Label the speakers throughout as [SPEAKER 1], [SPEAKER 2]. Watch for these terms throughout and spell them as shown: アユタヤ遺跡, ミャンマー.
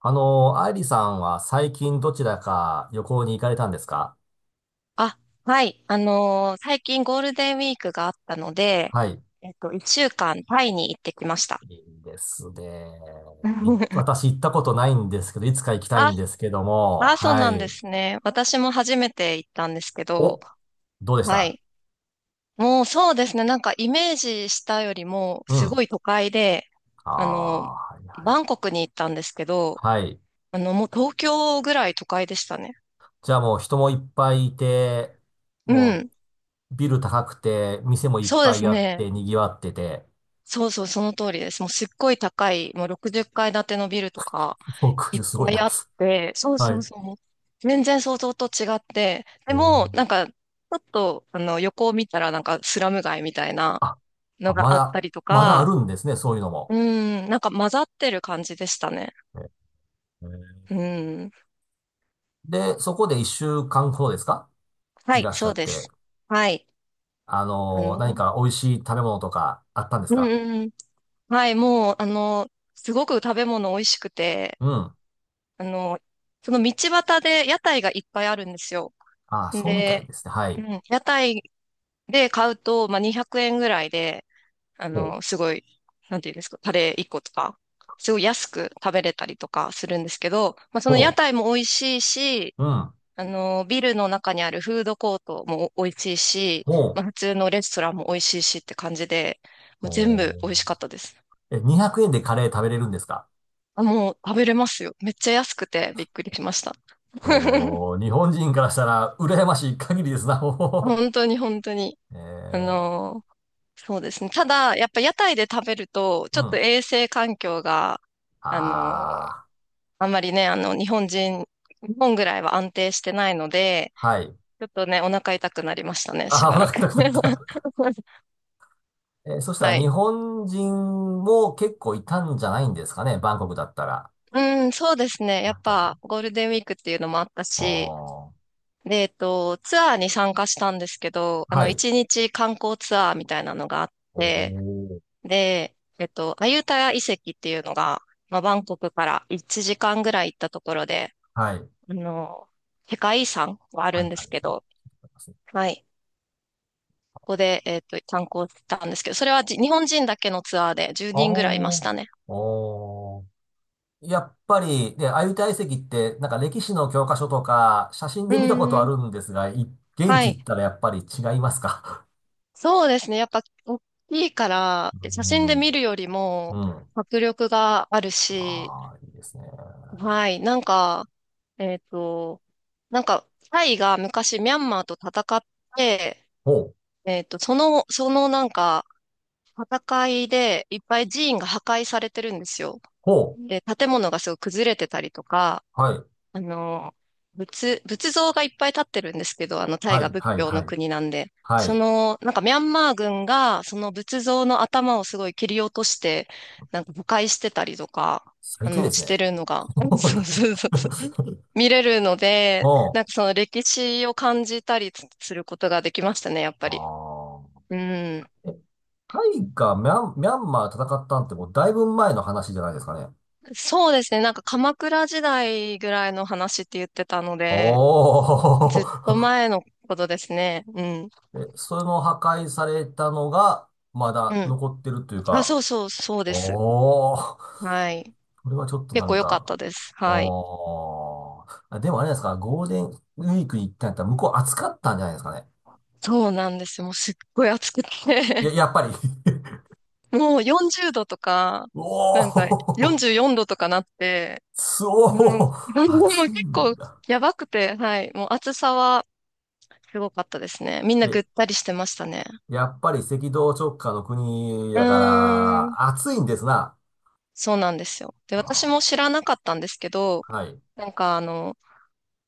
[SPEAKER 1] アイリさんは最近どちらか旅行に行かれたんですか？
[SPEAKER 2] あ、はい。最近ゴールデンウィークがあったので、
[SPEAKER 1] はい。
[SPEAKER 2] 一週間タイに行ってきました。
[SPEAKER 1] いいですね。私行ったことないんですけど、いつか行きたい
[SPEAKER 2] あ、
[SPEAKER 1] んですけども、
[SPEAKER 2] あ、そう
[SPEAKER 1] は
[SPEAKER 2] なんで
[SPEAKER 1] い。
[SPEAKER 2] すね。私も初めて行ったんですけど、
[SPEAKER 1] お、どうでし
[SPEAKER 2] は
[SPEAKER 1] た？
[SPEAKER 2] い。もうそうですね。なんかイメージしたよりも、
[SPEAKER 1] う
[SPEAKER 2] す
[SPEAKER 1] ん。
[SPEAKER 2] ごい都会で、
[SPEAKER 1] あ
[SPEAKER 2] あの
[SPEAKER 1] あ、はいはい。
[SPEAKER 2] バンコクに行ったんですけど、
[SPEAKER 1] はい。
[SPEAKER 2] もう東京ぐらい都会でしたね。
[SPEAKER 1] じゃあもう人もいっぱいいて、
[SPEAKER 2] う
[SPEAKER 1] も
[SPEAKER 2] ん。
[SPEAKER 1] うビル高くて、店もいっ
[SPEAKER 2] そうで
[SPEAKER 1] ぱ
[SPEAKER 2] す
[SPEAKER 1] いあっ
[SPEAKER 2] ね。
[SPEAKER 1] て、賑わってて、
[SPEAKER 2] そうそう、その通りです。もうすっごい高い、もう60階建てのビルとか、いっ
[SPEAKER 1] 60すごい
[SPEAKER 2] ぱい
[SPEAKER 1] な。
[SPEAKER 2] あって、そ う
[SPEAKER 1] は
[SPEAKER 2] そう
[SPEAKER 1] い。
[SPEAKER 2] そう。全然想像と違って、
[SPEAKER 1] え
[SPEAKER 2] でも、な
[SPEAKER 1] ー
[SPEAKER 2] んか、ちょっと、横を見たら、なんか、スラム街みたいな
[SPEAKER 1] あ、
[SPEAKER 2] の
[SPEAKER 1] あ
[SPEAKER 2] が
[SPEAKER 1] ま
[SPEAKER 2] あった
[SPEAKER 1] だ、
[SPEAKER 2] りと
[SPEAKER 1] まだあ
[SPEAKER 2] か、
[SPEAKER 1] るんですね、そういうのも。
[SPEAKER 2] うん、なんか混ざってる感じでしたね。
[SPEAKER 1] えー
[SPEAKER 2] うん。
[SPEAKER 1] で、そこで一週間ほどですか？
[SPEAKER 2] は
[SPEAKER 1] い
[SPEAKER 2] い、
[SPEAKER 1] らっしゃ
[SPEAKER 2] そう
[SPEAKER 1] っ
[SPEAKER 2] で
[SPEAKER 1] て。
[SPEAKER 2] す。はい。あ
[SPEAKER 1] 何
[SPEAKER 2] の、
[SPEAKER 1] か美味しい食べ物とかあったんです
[SPEAKER 2] うん
[SPEAKER 1] か？
[SPEAKER 2] うんうん。はい、もう、すごく食べ物美味しくて、
[SPEAKER 1] うん。
[SPEAKER 2] あの、その道端で屋台がいっぱいあるんですよ。
[SPEAKER 1] ああ、そうみたい
[SPEAKER 2] で、
[SPEAKER 1] ですね。は
[SPEAKER 2] う
[SPEAKER 1] い。
[SPEAKER 2] ん、屋台で買うと、まあ、200円ぐらいで、
[SPEAKER 1] ほう。
[SPEAKER 2] すごい、なんていうんですか、タレー1個とか、すごい安く食べれたりとかするんですけど、まあ、そ
[SPEAKER 1] ほ
[SPEAKER 2] の屋台も美味しいし、
[SPEAKER 1] う。うん。
[SPEAKER 2] ビルの中にあるフードコートも美味しいし、
[SPEAKER 1] ほ
[SPEAKER 2] ま
[SPEAKER 1] う。
[SPEAKER 2] あ、普通のレストランも美味しいしって感じで、もう全部
[SPEAKER 1] おー。
[SPEAKER 2] 美味しかったです。
[SPEAKER 1] え、200円でカレー食べれるんですか？
[SPEAKER 2] あ、もう食べれますよ。めっちゃ安くてびっくりしました。
[SPEAKER 1] おー、日本人からしたら羨ましい限りですな。お
[SPEAKER 2] 本当に本当に。
[SPEAKER 1] ーえ
[SPEAKER 2] あ
[SPEAKER 1] ー、
[SPEAKER 2] のーそうですね。ただ、やっぱ屋台で食べると、ち
[SPEAKER 1] う
[SPEAKER 2] ょ
[SPEAKER 1] ん。
[SPEAKER 2] っと
[SPEAKER 1] あ
[SPEAKER 2] 衛生環境が、あの
[SPEAKER 1] あ、
[SPEAKER 2] あんまりね、日本ぐらいは安定してないので、
[SPEAKER 1] はい。
[SPEAKER 2] ちょっとね、お腹痛くなりましたね、し
[SPEAKER 1] ああ、お
[SPEAKER 2] ばら
[SPEAKER 1] 腹
[SPEAKER 2] く。
[SPEAKER 1] 痛くなった。そした
[SPEAKER 2] は
[SPEAKER 1] ら日
[SPEAKER 2] い。
[SPEAKER 1] 本人も結構いたんじゃないんですかね、バンコクだったら。
[SPEAKER 2] うん、そうですね。や
[SPEAKER 1] や
[SPEAKER 2] っ
[SPEAKER 1] っぱり。
[SPEAKER 2] ぱ、ゴールデンウィークっていうのもあった
[SPEAKER 1] お
[SPEAKER 2] し、
[SPEAKER 1] ー
[SPEAKER 2] で、ツアーに参加したんですけど、
[SPEAKER 1] はい。
[SPEAKER 2] 一日観光ツアーみたいなのがあっ
[SPEAKER 1] お
[SPEAKER 2] て、
[SPEAKER 1] ー。
[SPEAKER 2] で、アユタヤ遺跡っていうのが、まあ、バンコクから1時間ぐらい行ったところで、
[SPEAKER 1] はい。
[SPEAKER 2] あの、世界遺産があ
[SPEAKER 1] は
[SPEAKER 2] るん
[SPEAKER 1] い、
[SPEAKER 2] で
[SPEAKER 1] はい、
[SPEAKER 2] す
[SPEAKER 1] は
[SPEAKER 2] け
[SPEAKER 1] い。
[SPEAKER 2] ど、はい。ここで、参考したんですけど、それは日本人だけのツアーで10
[SPEAKER 1] ああ、
[SPEAKER 2] 人ぐらいいまし
[SPEAKER 1] おー。
[SPEAKER 2] たね。
[SPEAKER 1] おーやっぱり、で、鮎遺跡って、なんか歴史の教科書とか、写真
[SPEAKER 2] う
[SPEAKER 1] で見たこと
[SPEAKER 2] ー
[SPEAKER 1] あ
[SPEAKER 2] ん。
[SPEAKER 1] るんですが、現
[SPEAKER 2] は
[SPEAKER 1] 地
[SPEAKER 2] い。
[SPEAKER 1] 行ったらやっぱり違いますか？
[SPEAKER 2] そうですね。やっぱ、大きいか ら、写真
[SPEAKER 1] うん。
[SPEAKER 2] で見るより
[SPEAKER 1] う
[SPEAKER 2] も、
[SPEAKER 1] ん。
[SPEAKER 2] 迫力があるし、
[SPEAKER 1] ああ、いいですね。
[SPEAKER 2] はい。なんか、えっと、タイが昔ミャンマーと戦って、
[SPEAKER 1] ほう、
[SPEAKER 2] そのなんか、戦いでいっぱい寺院が破壊されてるんですよ。
[SPEAKER 1] ほう。
[SPEAKER 2] で、建物がすごい崩れてたりとか、
[SPEAKER 1] はい、
[SPEAKER 2] あの、仏像がいっぱい立ってるんですけど、タイ
[SPEAKER 1] は
[SPEAKER 2] が
[SPEAKER 1] い、
[SPEAKER 2] 仏
[SPEAKER 1] はい、
[SPEAKER 2] 教
[SPEAKER 1] は
[SPEAKER 2] の
[SPEAKER 1] い。
[SPEAKER 2] 国なんで、
[SPEAKER 1] は
[SPEAKER 2] そ
[SPEAKER 1] い。
[SPEAKER 2] の、なんかミャンマー軍が、その仏像の頭をすごい切り落として、なんか誤解してたりとか、
[SPEAKER 1] 最低です
[SPEAKER 2] し
[SPEAKER 1] ね。
[SPEAKER 2] てるのが、そうそうそうそう、見れるので、な
[SPEAKER 1] も
[SPEAKER 2] んかその歴史を感じたりすることができましたね、やっぱ
[SPEAKER 1] う、
[SPEAKER 2] り。
[SPEAKER 1] ああ、
[SPEAKER 2] うん。
[SPEAKER 1] えタイがミャンマー戦ったんってもうだいぶ前の話じゃないですかね。
[SPEAKER 2] そうですね、なんか鎌倉時代ぐらいの話って言ってたの
[SPEAKER 1] お
[SPEAKER 2] で、ずっと
[SPEAKER 1] ー。
[SPEAKER 2] 前のことですね。うん。
[SPEAKER 1] え、その破壊されたのが、ま
[SPEAKER 2] う
[SPEAKER 1] だ
[SPEAKER 2] ん
[SPEAKER 1] 残ってるという
[SPEAKER 2] あ、
[SPEAKER 1] か、
[SPEAKER 2] そうそう、そうです。
[SPEAKER 1] おー。
[SPEAKER 2] はい。
[SPEAKER 1] これはちょっとな
[SPEAKER 2] 結構
[SPEAKER 1] ん
[SPEAKER 2] 良かっ
[SPEAKER 1] か、
[SPEAKER 2] たです。はい。
[SPEAKER 1] おー。あ、でもあれですか、ゴールデンウィークに行ったんやったら向こう暑かったんじゃないですかね。
[SPEAKER 2] そうなんですよ。もうすっごい暑くて
[SPEAKER 1] い や、やっぱり。
[SPEAKER 2] もう40度とか、
[SPEAKER 1] お
[SPEAKER 2] なんか
[SPEAKER 1] ー。
[SPEAKER 2] 44度とかなって、もう、
[SPEAKER 1] そ う。
[SPEAKER 2] あもう
[SPEAKER 1] 暑い
[SPEAKER 2] 結
[SPEAKER 1] ん
[SPEAKER 2] 構
[SPEAKER 1] だ。
[SPEAKER 2] やばくて、はい。もう暑さはすごかったですね。みんな
[SPEAKER 1] え、
[SPEAKER 2] ぐったりしてましたね。
[SPEAKER 1] やっぱり赤道直下の国
[SPEAKER 2] う
[SPEAKER 1] やか
[SPEAKER 2] ーん。
[SPEAKER 1] ら、暑いんですな。
[SPEAKER 2] そうなんですよ。で、私も
[SPEAKER 1] あ
[SPEAKER 2] 知らなかったんですけど、
[SPEAKER 1] ーはい。
[SPEAKER 2] なんかあの、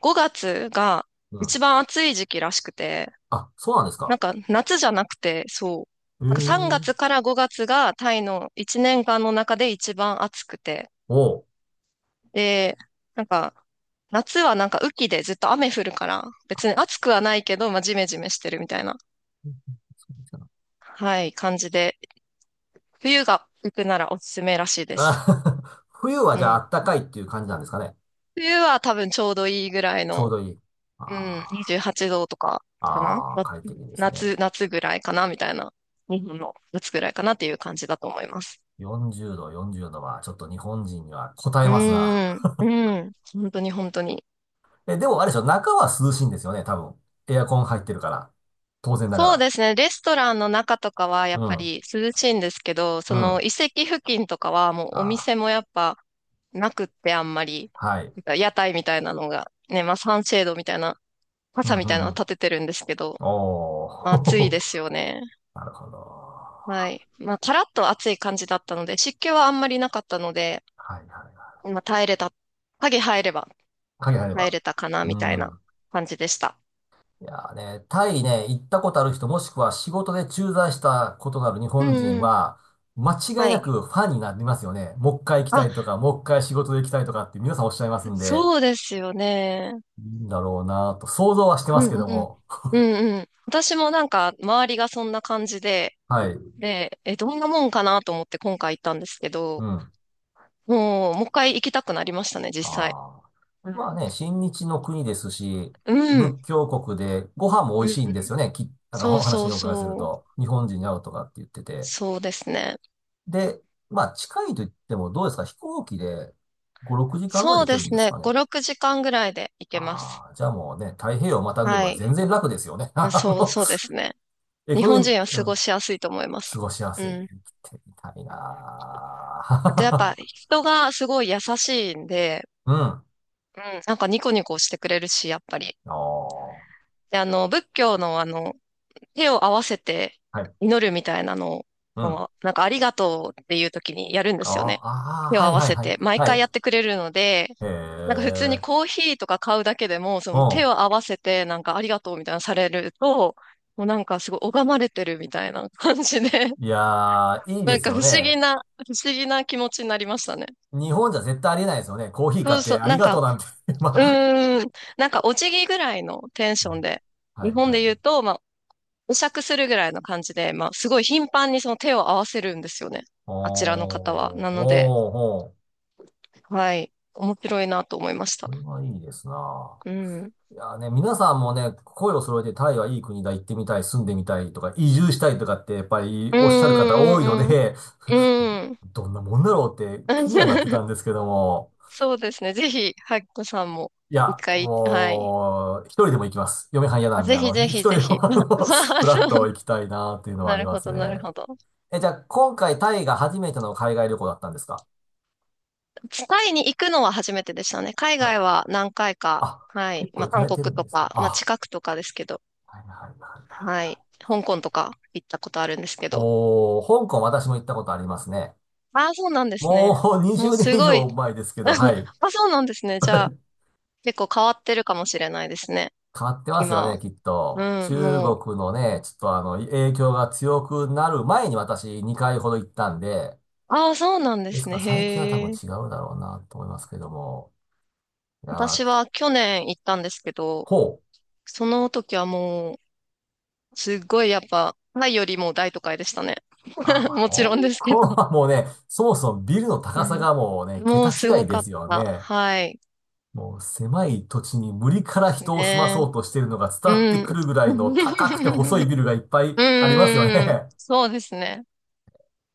[SPEAKER 2] 5月が
[SPEAKER 1] う
[SPEAKER 2] 一
[SPEAKER 1] ん。
[SPEAKER 2] 番暑い時期らしくて、
[SPEAKER 1] あ、そうなんです
[SPEAKER 2] な
[SPEAKER 1] か。
[SPEAKER 2] んか夏じゃなくて、そう。
[SPEAKER 1] え
[SPEAKER 2] なんか3
[SPEAKER 1] え。
[SPEAKER 2] 月から5月がタイの1年間の中で一番暑くて。
[SPEAKER 1] おう。
[SPEAKER 2] で、なんか夏はなんか雨季でずっと雨降るから、別に暑くはないけど、まあジメジメしてるみたいな、
[SPEAKER 1] そうですか？
[SPEAKER 2] はい、感じで。冬が行くならおすすめらしいです。
[SPEAKER 1] あ。 冬は
[SPEAKER 2] う
[SPEAKER 1] じゃ
[SPEAKER 2] ん。
[SPEAKER 1] あ暖かいっていう感じなんですかね。
[SPEAKER 2] 冬は多分ちょうどいいぐらい
[SPEAKER 1] ちょう
[SPEAKER 2] の、
[SPEAKER 1] どいい。あ
[SPEAKER 2] うん、28
[SPEAKER 1] ー
[SPEAKER 2] 度とかかな
[SPEAKER 1] あー、快適ですね。
[SPEAKER 2] 夏ぐらいかなみたいな。日本の夏ぐらいかなっていう感じだと思います。
[SPEAKER 1] 40度、40度はちょっと日本人には応え
[SPEAKER 2] う
[SPEAKER 1] ますな。
[SPEAKER 2] ーん、うん、本当に本当に。
[SPEAKER 1] え、でもあれでしょ、中は涼しいんですよね、多分。エアコン入ってるから。当然なが
[SPEAKER 2] そう
[SPEAKER 1] ら。
[SPEAKER 2] ですね、レストランの中とかはやっ
[SPEAKER 1] う
[SPEAKER 2] ぱ
[SPEAKER 1] ん、
[SPEAKER 2] り涼しいんですけど、
[SPEAKER 1] う
[SPEAKER 2] その
[SPEAKER 1] ん。
[SPEAKER 2] 遺跡付近とかはも
[SPEAKER 1] あ
[SPEAKER 2] うお店も
[SPEAKER 1] ー
[SPEAKER 2] やっぱなくってあんまり、
[SPEAKER 1] はい。
[SPEAKER 2] なんか屋台みたいなのが、ね、まあサンシェードみたいな、
[SPEAKER 1] う
[SPEAKER 2] 傘
[SPEAKER 1] ん、
[SPEAKER 2] み
[SPEAKER 1] う
[SPEAKER 2] たいな
[SPEAKER 1] ん、
[SPEAKER 2] の
[SPEAKER 1] うん。
[SPEAKER 2] 立ててるんですけど、
[SPEAKER 1] お
[SPEAKER 2] まあ暑い
[SPEAKER 1] ー。
[SPEAKER 2] です よね。
[SPEAKER 1] なるほど。
[SPEAKER 2] は
[SPEAKER 1] は
[SPEAKER 2] い。まあカラッと暑い感じだったので、湿気はあんまりなかったので、
[SPEAKER 1] いはいはい。
[SPEAKER 2] まあ耐えれた、影入れば
[SPEAKER 1] 鍵入れ
[SPEAKER 2] 耐え
[SPEAKER 1] ば。
[SPEAKER 2] れたかな
[SPEAKER 1] う
[SPEAKER 2] みたいな
[SPEAKER 1] ん。
[SPEAKER 2] 感じでした。
[SPEAKER 1] いやーね、タイね、行ったことある人、もしくは仕事で駐在したことがある日
[SPEAKER 2] う
[SPEAKER 1] 本
[SPEAKER 2] ん
[SPEAKER 1] 人
[SPEAKER 2] うん。
[SPEAKER 1] は、間違い
[SPEAKER 2] は
[SPEAKER 1] な
[SPEAKER 2] い。
[SPEAKER 1] くファンになりますよね。もう一回行きた
[SPEAKER 2] あ
[SPEAKER 1] いとか、もう一回仕事で行きたいとかって皆さんおっしゃいますんで、
[SPEAKER 2] そうですよね。
[SPEAKER 1] いいんだろうなと、想像はしてま
[SPEAKER 2] う
[SPEAKER 1] す
[SPEAKER 2] ん
[SPEAKER 1] け
[SPEAKER 2] う
[SPEAKER 1] ど
[SPEAKER 2] ん。
[SPEAKER 1] も。
[SPEAKER 2] うんうん。私もなんか、周りがそんな感じで、
[SPEAKER 1] はい。
[SPEAKER 2] で、え、どんなもんかなと思って今回行ったんですけ
[SPEAKER 1] う
[SPEAKER 2] ど、
[SPEAKER 1] ん。
[SPEAKER 2] もう一回行きたくなりましたね、実際。
[SPEAKER 1] ああ。
[SPEAKER 2] うん。
[SPEAKER 1] まあね、親日の国ですし、
[SPEAKER 2] うん
[SPEAKER 1] 仏教国でご飯も美
[SPEAKER 2] うん
[SPEAKER 1] 味
[SPEAKER 2] う
[SPEAKER 1] しいんで
[SPEAKER 2] ん。
[SPEAKER 1] すよね。なん
[SPEAKER 2] そ
[SPEAKER 1] か
[SPEAKER 2] う
[SPEAKER 1] お話
[SPEAKER 2] そ
[SPEAKER 1] に
[SPEAKER 2] う
[SPEAKER 1] お伺いする
[SPEAKER 2] そう。
[SPEAKER 1] と、日本人に合うとかって言ってて。
[SPEAKER 2] そうですね。
[SPEAKER 1] で、まあ、近いと言ってもどうですか？飛行機で5、6時間ぐら
[SPEAKER 2] そ
[SPEAKER 1] いで
[SPEAKER 2] う
[SPEAKER 1] 行
[SPEAKER 2] で
[SPEAKER 1] けるん
[SPEAKER 2] す
[SPEAKER 1] です
[SPEAKER 2] ね。
[SPEAKER 1] か
[SPEAKER 2] 5、
[SPEAKER 1] ね。
[SPEAKER 2] 6時間ぐらいで行けます。
[SPEAKER 1] ああ、じゃあもうね、太平洋をまたぐより
[SPEAKER 2] は
[SPEAKER 1] は
[SPEAKER 2] い。
[SPEAKER 1] 全然楽ですよね。
[SPEAKER 2] うんそう、そうですね。
[SPEAKER 1] エ
[SPEAKER 2] 日
[SPEAKER 1] コノ
[SPEAKER 2] 本
[SPEAKER 1] ミー、
[SPEAKER 2] 人は
[SPEAKER 1] う
[SPEAKER 2] 過ご
[SPEAKER 1] ん、
[SPEAKER 2] しやすいと思います。
[SPEAKER 1] 過ごしや
[SPEAKER 2] う
[SPEAKER 1] すい。
[SPEAKER 2] ん。
[SPEAKER 1] 生きてみたい
[SPEAKER 2] あとやっ
[SPEAKER 1] な
[SPEAKER 2] ぱ
[SPEAKER 1] ー。
[SPEAKER 2] 人がすごい優しいんで、うん、なんかニコニコしてくれるし、やっぱり。
[SPEAKER 1] うん。お
[SPEAKER 2] で、仏教の手を合わせて
[SPEAKER 1] ー、はい。
[SPEAKER 2] 祈るみたいなの
[SPEAKER 1] うん。あ
[SPEAKER 2] を、なんかありがとうっていう時にやるんで
[SPEAKER 1] ー
[SPEAKER 2] すよね。
[SPEAKER 1] あ
[SPEAKER 2] 手
[SPEAKER 1] ー、
[SPEAKER 2] を
[SPEAKER 1] は
[SPEAKER 2] 合
[SPEAKER 1] い
[SPEAKER 2] わ
[SPEAKER 1] はい
[SPEAKER 2] せ
[SPEAKER 1] はい。
[SPEAKER 2] て、毎
[SPEAKER 1] は
[SPEAKER 2] 回や
[SPEAKER 1] い。
[SPEAKER 2] ってくれるので、
[SPEAKER 1] へ
[SPEAKER 2] なんか普通に
[SPEAKER 1] え。
[SPEAKER 2] コーヒーとか買うだけでも、そ
[SPEAKER 1] う
[SPEAKER 2] の
[SPEAKER 1] ん。
[SPEAKER 2] 手を合わせて、なんかありがとうみたいなのされると、もうなんかすごい拝まれてるみたいな感じで、
[SPEAKER 1] いやー、いい
[SPEAKER 2] な
[SPEAKER 1] で
[SPEAKER 2] ん
[SPEAKER 1] す
[SPEAKER 2] か
[SPEAKER 1] よね。
[SPEAKER 2] 不思議な気持ちになりましたね。
[SPEAKER 1] 日本じゃ絶対ありえないですよね。コーヒー
[SPEAKER 2] そ
[SPEAKER 1] 買っ
[SPEAKER 2] う
[SPEAKER 1] て
[SPEAKER 2] そう、
[SPEAKER 1] あり
[SPEAKER 2] なん
[SPEAKER 1] がと
[SPEAKER 2] か、
[SPEAKER 1] うなんて。ま
[SPEAKER 2] う
[SPEAKER 1] あ、
[SPEAKER 2] ーん。なんか、お辞儀ぐらいのテン
[SPEAKER 1] う
[SPEAKER 2] シ
[SPEAKER 1] ん
[SPEAKER 2] ョンで、
[SPEAKER 1] は
[SPEAKER 2] 日
[SPEAKER 1] い
[SPEAKER 2] 本
[SPEAKER 1] は
[SPEAKER 2] で言う
[SPEAKER 1] い。
[SPEAKER 2] と、まあ、お酌するぐらいの感じで、まあ、すごい頻繁にその手を合わせるんですよね。
[SPEAKER 1] あー、
[SPEAKER 2] あちらの方は。
[SPEAKER 1] お
[SPEAKER 2] な
[SPEAKER 1] ー、
[SPEAKER 2] ので、
[SPEAKER 1] おー。
[SPEAKER 2] はい。面白いなと思いました。
[SPEAKER 1] これはいいですな。
[SPEAKER 2] うん。
[SPEAKER 1] いやーね、皆さんもね、声を揃えてタイはいい国だ、行ってみたい、住んでみたいとか、移住したいとかってやっぱり
[SPEAKER 2] うん
[SPEAKER 1] おっしゃる
[SPEAKER 2] う
[SPEAKER 1] 方多いの
[SPEAKER 2] んうんう
[SPEAKER 1] で、
[SPEAKER 2] ん。うん。
[SPEAKER 1] どんなもんだろうって気にはなってた んですけども、
[SPEAKER 2] そうですね。ぜひ、ハッコさんも、
[SPEAKER 1] い
[SPEAKER 2] 一
[SPEAKER 1] や、
[SPEAKER 2] 回、はい。
[SPEAKER 1] もう、一人でも行きます。嫁はん嫌な
[SPEAKER 2] あ
[SPEAKER 1] んで、
[SPEAKER 2] ぜひぜ
[SPEAKER 1] 一
[SPEAKER 2] ひ
[SPEAKER 1] 人
[SPEAKER 2] ぜ
[SPEAKER 1] で
[SPEAKER 2] ひ。
[SPEAKER 1] も、
[SPEAKER 2] まあ
[SPEAKER 1] フラ
[SPEAKER 2] そ
[SPEAKER 1] ッ
[SPEAKER 2] う
[SPEAKER 1] と行き たいなっていうのはあ
[SPEAKER 2] な
[SPEAKER 1] り
[SPEAKER 2] る
[SPEAKER 1] ま
[SPEAKER 2] ほ
[SPEAKER 1] す
[SPEAKER 2] ど、なる
[SPEAKER 1] ね。
[SPEAKER 2] ほど。
[SPEAKER 1] え、じゃあ、今回タイが初めての海外旅行だったんですか？
[SPEAKER 2] タイに行くのは初めてでしたね。海
[SPEAKER 1] は
[SPEAKER 2] 外
[SPEAKER 1] い。
[SPEAKER 2] は何回か。
[SPEAKER 1] あ、
[SPEAKER 2] はい。
[SPEAKER 1] 結構
[SPEAKER 2] まあ、
[SPEAKER 1] 行か
[SPEAKER 2] 韓
[SPEAKER 1] れ
[SPEAKER 2] 国
[SPEAKER 1] てるん
[SPEAKER 2] と
[SPEAKER 1] ですね。
[SPEAKER 2] か、まあ、
[SPEAKER 1] あ、
[SPEAKER 2] 近くとかですけど。
[SPEAKER 1] はいはいはい
[SPEAKER 2] は
[SPEAKER 1] はい。
[SPEAKER 2] い。香港とか行ったことあるんですけど。
[SPEAKER 1] おー、香港私も行ったことありますね。
[SPEAKER 2] ああ、そうなんですね。
[SPEAKER 1] もう
[SPEAKER 2] も
[SPEAKER 1] 20
[SPEAKER 2] う
[SPEAKER 1] 年
[SPEAKER 2] す
[SPEAKER 1] 以
[SPEAKER 2] ごい。
[SPEAKER 1] 上前です けど、
[SPEAKER 2] あ、
[SPEAKER 1] はい。
[SPEAKER 2] そうなんですね。じゃあ、結構変わってるかもしれないですね。
[SPEAKER 1] 変わってますよ
[SPEAKER 2] 今
[SPEAKER 1] ね、
[SPEAKER 2] は。
[SPEAKER 1] きっと。
[SPEAKER 2] うん、
[SPEAKER 1] 中
[SPEAKER 2] もう。
[SPEAKER 1] 国のね、ちょっと影響が強くなる前に私2回ほど行ったんで、
[SPEAKER 2] ああ、そうなんで
[SPEAKER 1] です
[SPEAKER 2] す
[SPEAKER 1] か
[SPEAKER 2] ね。
[SPEAKER 1] ら最近は多分
[SPEAKER 2] へえ。
[SPEAKER 1] 違うだろうなと思いますけども。いやー、
[SPEAKER 2] 私は去年行ったんですけど、
[SPEAKER 1] ほう。
[SPEAKER 2] その時はもう、すっごいやっぱ、タイよりも大都会でしたね。
[SPEAKER 1] あー、まあ、
[SPEAKER 2] もち
[SPEAKER 1] 香
[SPEAKER 2] ろんですけ
[SPEAKER 1] 港
[SPEAKER 2] ど。
[SPEAKER 1] はもうね、そもそもビルの
[SPEAKER 2] う
[SPEAKER 1] 高さ
[SPEAKER 2] ん
[SPEAKER 1] がもうね、
[SPEAKER 2] も
[SPEAKER 1] 桁
[SPEAKER 2] うす
[SPEAKER 1] 違
[SPEAKER 2] ご
[SPEAKER 1] いで
[SPEAKER 2] かっ
[SPEAKER 1] すよ
[SPEAKER 2] た。
[SPEAKER 1] ね。
[SPEAKER 2] はい。
[SPEAKER 1] もう狭い土地に無理か
[SPEAKER 2] で
[SPEAKER 1] ら
[SPEAKER 2] す
[SPEAKER 1] 人を住ま
[SPEAKER 2] ね。
[SPEAKER 1] そうとしているのが伝
[SPEAKER 2] う
[SPEAKER 1] わってく
[SPEAKER 2] ん。
[SPEAKER 1] るぐらいの高くて細いビ ルがいっぱいありますよ
[SPEAKER 2] うん。
[SPEAKER 1] ね。
[SPEAKER 2] そうですね。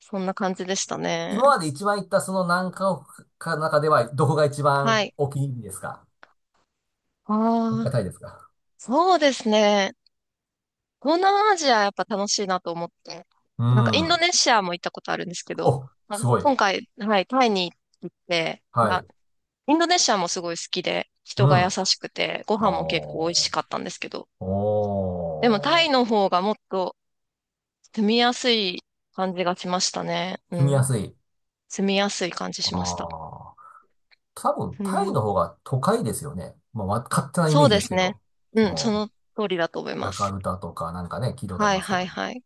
[SPEAKER 2] そんな感じでしたね。
[SPEAKER 1] 今まで一番行ったその何カ国かの中ではどこが一
[SPEAKER 2] は
[SPEAKER 1] 番
[SPEAKER 2] い。
[SPEAKER 1] お気に入りですか？
[SPEAKER 2] ああ、
[SPEAKER 1] 高いですか？
[SPEAKER 2] そうですね。東南アジアやっぱ楽しいなと思って。
[SPEAKER 1] う
[SPEAKER 2] なんかインド
[SPEAKER 1] ん。
[SPEAKER 2] ネシアも行ったことあるんですけど、
[SPEAKER 1] お、
[SPEAKER 2] あ
[SPEAKER 1] すごい。
[SPEAKER 2] 今回、はい、タイに行って、
[SPEAKER 1] は
[SPEAKER 2] あ、
[SPEAKER 1] い。
[SPEAKER 2] インドネシアもすごい好きで、
[SPEAKER 1] う
[SPEAKER 2] 人が優
[SPEAKER 1] ん。
[SPEAKER 2] しくて、ご飯も結構美味
[SPEAKER 1] お
[SPEAKER 2] し
[SPEAKER 1] ー。
[SPEAKER 2] かったんですけど、でもタ
[SPEAKER 1] お
[SPEAKER 2] イ
[SPEAKER 1] ー。
[SPEAKER 2] の方がもっと住みやすい感じがしましたね。う
[SPEAKER 1] 住みや
[SPEAKER 2] ん。
[SPEAKER 1] すい。
[SPEAKER 2] 住みやすい感じしま
[SPEAKER 1] あ
[SPEAKER 2] した。
[SPEAKER 1] あ。多分
[SPEAKER 2] う
[SPEAKER 1] タイの
[SPEAKER 2] ん。
[SPEAKER 1] 方が都会ですよね。まあ、勝手なイメ
[SPEAKER 2] そ
[SPEAKER 1] ー
[SPEAKER 2] う
[SPEAKER 1] ジ
[SPEAKER 2] で
[SPEAKER 1] です
[SPEAKER 2] す
[SPEAKER 1] け
[SPEAKER 2] ね。
[SPEAKER 1] ど。そ
[SPEAKER 2] うん、そ
[SPEAKER 1] の、
[SPEAKER 2] の通りだと思い
[SPEAKER 1] ジ
[SPEAKER 2] ま
[SPEAKER 1] ャカ
[SPEAKER 2] す。
[SPEAKER 1] ルタとかなんかね、聞いたことあり
[SPEAKER 2] はい
[SPEAKER 1] ますけ
[SPEAKER 2] はい
[SPEAKER 1] ど。
[SPEAKER 2] はい。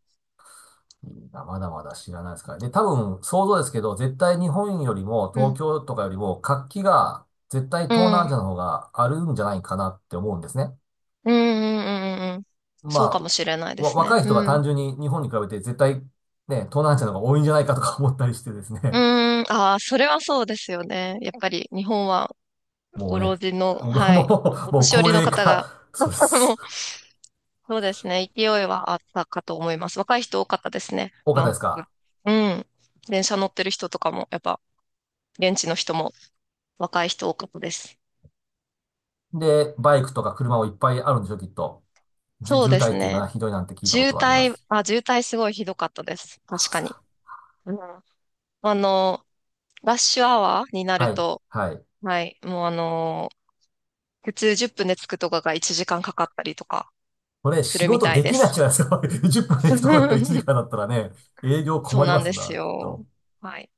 [SPEAKER 1] いいなまだまだ知らないですから。で、多分、想像ですけど、絶対日本よりも、
[SPEAKER 2] う
[SPEAKER 1] 東
[SPEAKER 2] ん。
[SPEAKER 1] 京とかよりも、活気が、絶対
[SPEAKER 2] う
[SPEAKER 1] 東南ア
[SPEAKER 2] ん。
[SPEAKER 1] ジアの方があるんじゃないかなって思うんですね。
[SPEAKER 2] うんうんうんうん。
[SPEAKER 1] ま
[SPEAKER 2] そうかもしれない
[SPEAKER 1] あ、
[SPEAKER 2] ですね。
[SPEAKER 1] 若い人が
[SPEAKER 2] うん。
[SPEAKER 1] 単純に日本に比べて、絶対、ね、東南アジアの方が多いんじゃないかとか思ったりしてです
[SPEAKER 2] う
[SPEAKER 1] ね。
[SPEAKER 2] ーん。ああ、それはそうですよね。やっぱり日本は
[SPEAKER 1] も
[SPEAKER 2] ご
[SPEAKER 1] うね、
[SPEAKER 2] 老人の、
[SPEAKER 1] 僕
[SPEAKER 2] はい、お
[SPEAKER 1] もう
[SPEAKER 2] 年寄
[SPEAKER 1] 高
[SPEAKER 2] りの
[SPEAKER 1] 齢
[SPEAKER 2] 方が、
[SPEAKER 1] 化、そうで
[SPEAKER 2] も
[SPEAKER 1] す。
[SPEAKER 2] うそうですね。勢いはあったかと思います。若い人多かったですね。
[SPEAKER 1] 多かっ
[SPEAKER 2] バ
[SPEAKER 1] た
[SPEAKER 2] ン
[SPEAKER 1] です
[SPEAKER 2] コク。
[SPEAKER 1] か？
[SPEAKER 2] うん。電車乗ってる人とかも、やっぱ現地の人も若い人多かったです。
[SPEAKER 1] で、バイクとか車もいっぱいあるんでしょ、きっと。
[SPEAKER 2] そう
[SPEAKER 1] 渋
[SPEAKER 2] で
[SPEAKER 1] 滞っ
[SPEAKER 2] す
[SPEAKER 1] ていうのか
[SPEAKER 2] ね。
[SPEAKER 1] な、ひどいなんて聞いたことはあります。
[SPEAKER 2] 渋滞すごいひどかったです。
[SPEAKER 1] あ、そ
[SPEAKER 2] 確
[SPEAKER 1] うで
[SPEAKER 2] か
[SPEAKER 1] す
[SPEAKER 2] に。
[SPEAKER 1] か。
[SPEAKER 2] うん。あの、ラッシュアワーにな
[SPEAKER 1] は
[SPEAKER 2] る
[SPEAKER 1] い、
[SPEAKER 2] と、
[SPEAKER 1] はい。
[SPEAKER 2] はい、もうあの、普通10分で着くとかが1時間かんかかったりとか
[SPEAKER 1] これ
[SPEAKER 2] す
[SPEAKER 1] 仕
[SPEAKER 2] るみ
[SPEAKER 1] 事
[SPEAKER 2] たい
[SPEAKER 1] で
[SPEAKER 2] で
[SPEAKER 1] きないじ
[SPEAKER 2] す。
[SPEAKER 1] ゃないですか。10分で行くところだったら1 時間だったらね、営業
[SPEAKER 2] そ
[SPEAKER 1] 困
[SPEAKER 2] う
[SPEAKER 1] り
[SPEAKER 2] な
[SPEAKER 1] ま
[SPEAKER 2] ん
[SPEAKER 1] す
[SPEAKER 2] です
[SPEAKER 1] な、きっ
[SPEAKER 2] よ。
[SPEAKER 1] と。
[SPEAKER 2] はい。